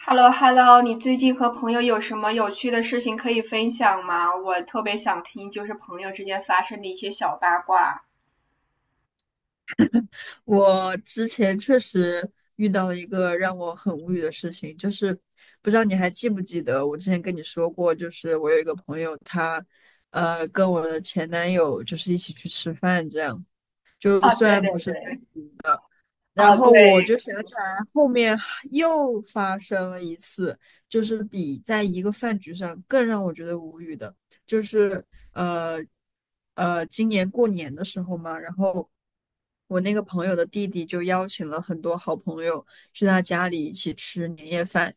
Hello Hello，你最近和朋友有什么有趣的事情可以分享吗？我特别想听，朋友之间发生的一些小八卦。我之前确实遇到了一个让我很无语的事情，就是不知道你还记不记得我之前跟你说过，就是我有一个朋友他，跟我的前男友就是一起去吃饭，这样就啊，虽对然对不是在，对。然啊后对。我就想起来，后面还又发生了一次，就是比在一个饭局上更让我觉得无语的，就是呃今年过年的时候嘛，然后我那个朋友的弟弟就邀请了很多好朋友去他家里一起吃年夜饭，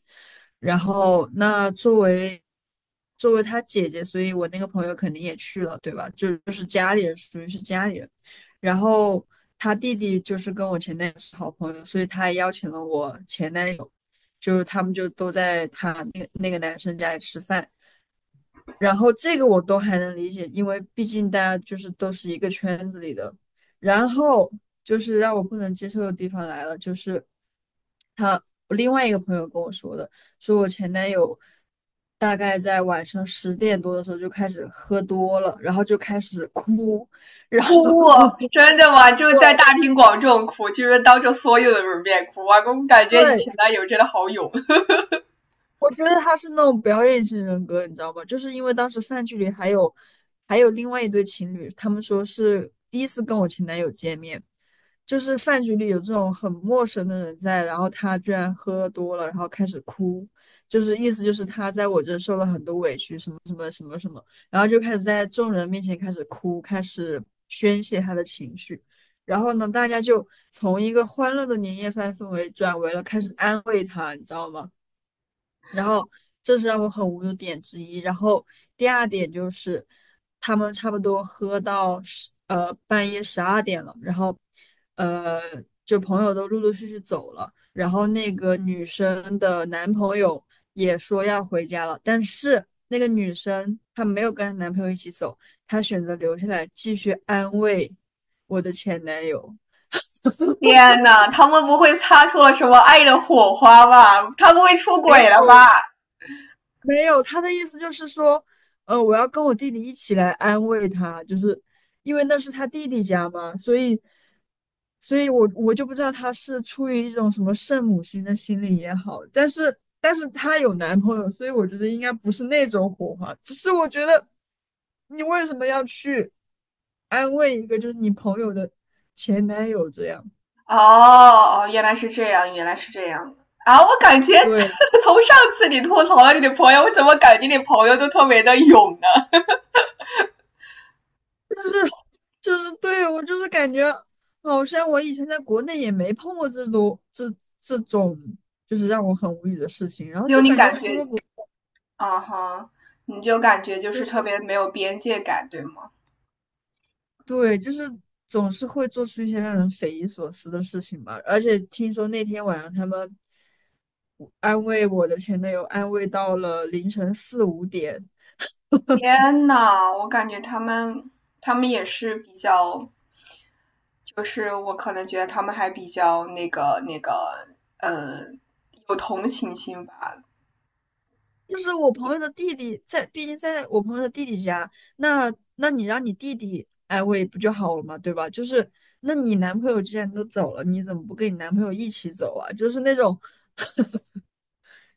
然后那作为作为他姐姐，所以我那个朋友肯定也去了，对吧？就是家里人，属于是家里人。然后他弟弟就是跟我前男友是好朋友，所以他还邀请了我前男友，就是他们就都在他那个男生家里吃饭。然后这个我都还能理解，因为毕竟大家就是都是一个圈子里的。然后就是让我不能接受的地方来了，就是他我另外一个朋友跟我说的，说我前男友大概在晚上10点多的时候就开始喝多了，然后就开始哭，然后 哭。真的吗？对，在大庭广众哭，当着所有的人面哭啊！我感觉你对，前男友真的好勇。我觉得他是那种表演型人格，你知道吗？就是因为当时饭局里还有另外一对情侣，他们说是第一次跟我前男友见面，就是饭局里有这种很陌生的人在，然后他居然喝多了，然后开始哭，就是意思就是他在我这受了很多委屈，什么什么什么什么，然后就开始在众人面前开始哭，开始宣泄他的情绪。然后呢，大家就从一个欢乐的年夜饭氛围转为了开始安慰他，你知道吗？然后这是让我很无语的点之一。然后第二点就是，他们差不多喝到半夜12点了，然后呃就朋友都陆陆续续走了，然后那个女生的男朋友也说要回家了，但是那个女生她没有跟她男朋友一起走，她选择留下来继续安慰我的前男友。天呐，他们不会擦出了什么爱的火花吧？他不会出没轨了有吧？没有，他的意思就是说，我要跟我弟弟一起来安慰他，就是因为那是他弟弟家嘛，所以，所以我就不知道他是出于一种什么圣母心的心理也好，但是他有男朋友，所以我觉得应该不是那种火花，只是我觉得你为什么要去安慰一个就是你朋友的前男友这样？哦哦，原来是这样，原来是这样啊！我感觉 对。从上次你吐槽了你的朋友，我怎么感觉你朋友都特别的勇呢？是就是对我就是感觉，好像我以前在国内也没碰过这种这种，就是让我很无语的事情。然后就就你感觉感出了觉，国，啊哈，你就感觉就特是别没有边界感，对吗？对，就是总是会做出一些让人匪夷所思的事情吧。而且听说那天晚上他们安慰我的前男友，安慰到了凌晨4、5点。天呐，我感觉他们也是比较，就是我可能觉得他们还比较那个，呃，有同情心吧。就是我朋友的弟弟在，毕竟在我朋友的弟弟家，那那你让你弟弟安慰不就好了嘛，对吧？就是那你男朋友既然都走了，你怎么不跟你男朋友一起走啊？就是那种，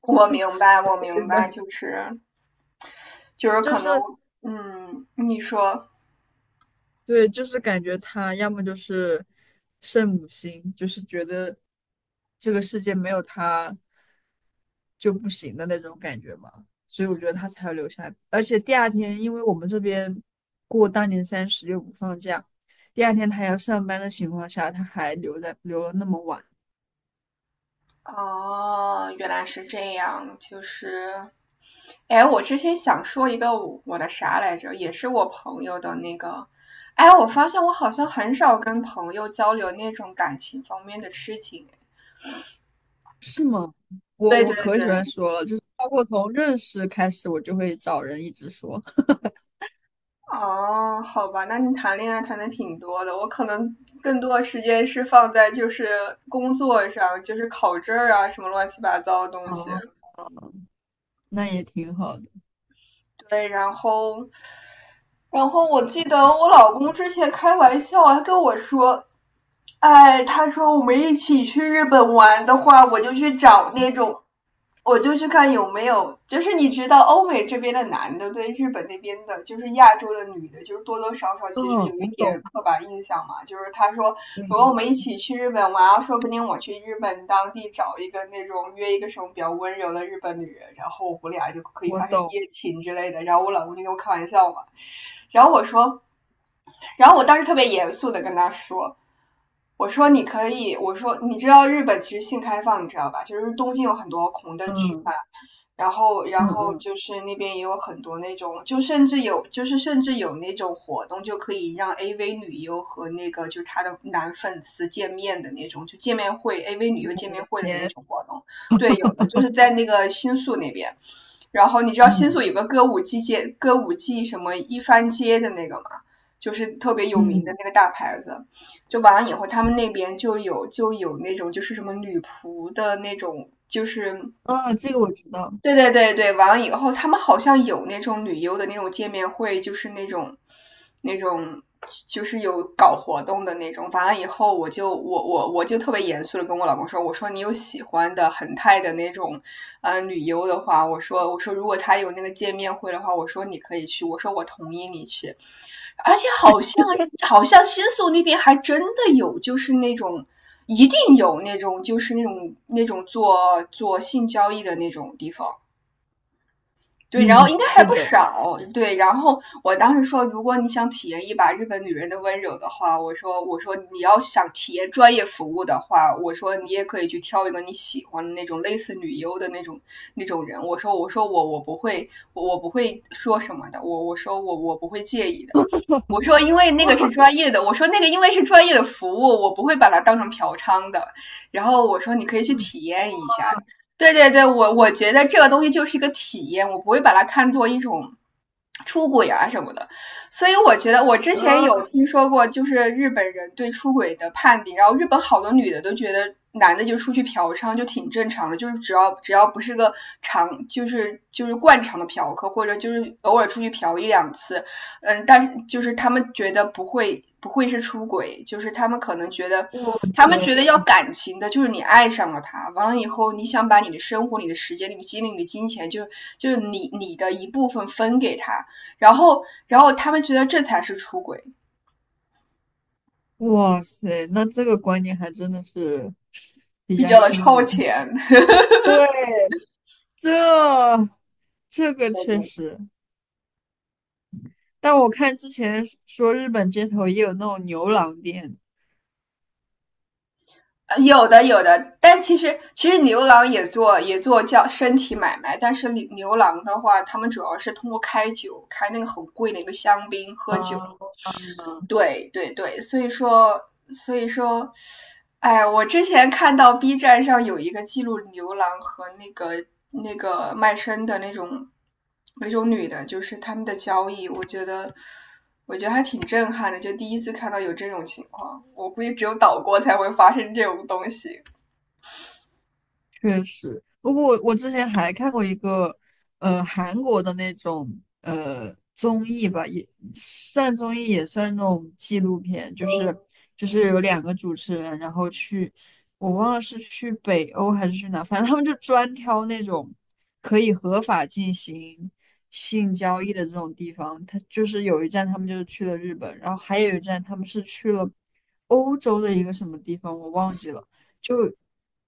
我明白，我明白，就 是就可能，是。嗯，你说对，就是感觉他要么就是圣母心，就是觉得这个世界没有他就不行的那种感觉嘛，所以我觉得他才要留下来。而且第二天，因为我们这边过大年三十又不放假，第二天他还要上班的情况下，他还留了那么晚，哦，原来是这样，就是，哎，我之前想说一个我的啥来着，也是我朋友的那个，哎，我发现我好像很少跟朋友交流那种感情方面的事情。是吗？我对对我可对。喜欢说了，就是包括从认识开始，我就会找人一直说，哦，好吧，那你谈恋爱谈的挺多的，我可能更多的时间是放在工作上，就是考证儿啊，什么乱七八糟的 东西。哦，那也挺好的。对。然后我记得我老公之前开玩笑还跟我说，哎，他说我们一起去日本玩的话，我就去找那种，我就去看有没有，就是你知道欧美这边的男的对日本那边的，就是亚洲的女的，多多少少嗯，其实有一我点懂。刻板印象嘛。就是他说，对如果我对们一对。起去日本玩，说不定我去日本当地找一个那种约一个什么比较温柔的日本女人，然后我俩就可以我发生一懂，夜情之类的。然后我老公就跟我开玩笑嘛，然后我说。然后我当时特别严肃的跟他说，我说你可以，我说你知道日本其实性开放，你知道吧？就是东京有很多红灯区嗯嘛，然嗯后嗯，那边也有很多那种，就甚至有甚至有那种活动，就可以让 AV 女优和那个她的男粉丝见面的那种，就见面会 AV 女优见我面的会的那天 种活动。对，有的在那个新宿那边。然后你知道新嗯宿有个歌舞伎街，歌舞伎什么一番街的那个吗？就是特别有名的嗯，那个大牌子。就完了以后，他们那边就有那种什么女仆的那种，就是啊，这个我知道，对对对对。完了以后，他们好像有那种旅游的那种见面会，就是那种，那种有搞活动的那种。完了以后，我就特别严肃的跟我老公说，我说你有喜欢的恒泰的那种，嗯、旅游的话，我说如果他有那个见面会的话，我说你可以去，我说我同意你去。而且好像新宿那边还真的有，就是那种一定有那种那种做性交易的那种地方。对，然后嗯，应该还是不的，少。对，然后我当时说，如果你想体验一把日本女人的温柔的话，我说，我说你要想体验专业服务的话，我说你也可以去挑一个你喜欢的那种类似女优的那种人。我说，我不会，我不会说什么的。我说我不会介意的。我说，因为 那个是哇，专业的，我说那个因为是专业的服务，我不会把它当成嫖娼的。然后我说，你可以去体验一下。对对对，我觉得这个东西就是一个体验，我不会把它看作一种出轨啊什么的。所以我觉得，我之前啊，有听说过，就是日本人对出轨的判定，然后日本好多女的都觉得男的就出去嫖娼就挺正常的，只要不是个常，就是惯常的嫖客，或者就是偶尔出去嫖一两次，嗯，但是就是他们觉得不会是出轨，就是他们可能觉得，我他们天，觉得要感情的，就是你爱上了他，完了以后你想把你的生活、你的时间、你的精力、你的金钱，就你的一部分分给他，然后他们觉得这才是出轨，哇塞，那这个观念还真的是比比较较的新超颖，前。对，这这个对确对，实，但我看之前说日本街头也有那种牛郎店，有的有的，但其实牛郎也做叫身体买卖，但是牛郎的话，他们主要是通过开酒，开那个很贵的一个香槟，喝酒，啊，对对对，所以说，所以说，哎，我之前看到 B 站上有一个记录牛郎和那个卖身的那种女的，就是他们的交易，我觉得还挺震撼的，就第一次看到有这种情况，我估计只有岛国才会发生这种东西不过我之前还看过一个，韩国的那种综艺吧，也算综艺，也算那种纪录片，就是有两个主持人，然后去，我忘了是去北欧还是去哪，反正他们就专挑那种可以合法进行性交易的这种地方。他就是有一站他们就是去了日本，然后还有一站他们是去了欧洲的一个什么地方，我忘记了。就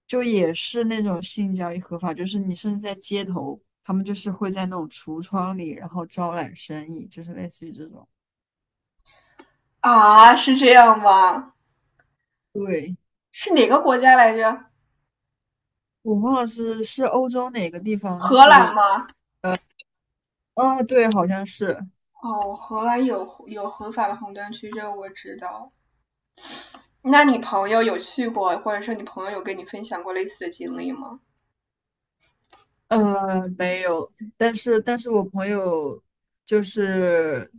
就也是那种性交易合法，就是你甚至在街头，他们就是会在那种橱窗里，然后招揽生意，就是类似于这种。啊，是这样吗？对，是哪个国家来着？我忘了是欧洲哪个地方，就荷兰是吗？啊，对，好像是，哦，荷兰有合法的红灯区，这个我知道。那你朋友有去过，或者说你朋友有跟你分享过类似的经历吗？没有，但是我朋友就是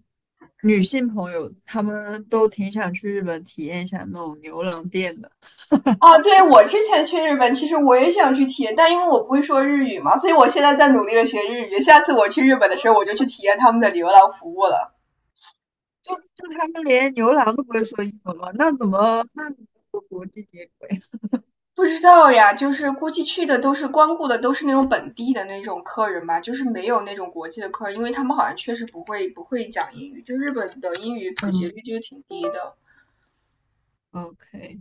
女性朋友，她们都挺想去日本体验一下那种牛郎店的，哦，对，我之前去日本，其实我也想去体验，但因为我不会说日语嘛，所以我现在在努力的学日语。下次我去日本的时候，我就去体验他们的流浪服务了。就他们连牛郎都不会说英文嘛，那怎么和国际接轨？不知道呀，就是估计去的都是光顾的都是那种本地的那种客人吧，就是没有那种国际的客人，因为他们好像确实不会讲英语，就日本的英语 普及嗯，率就是挺低的。OK，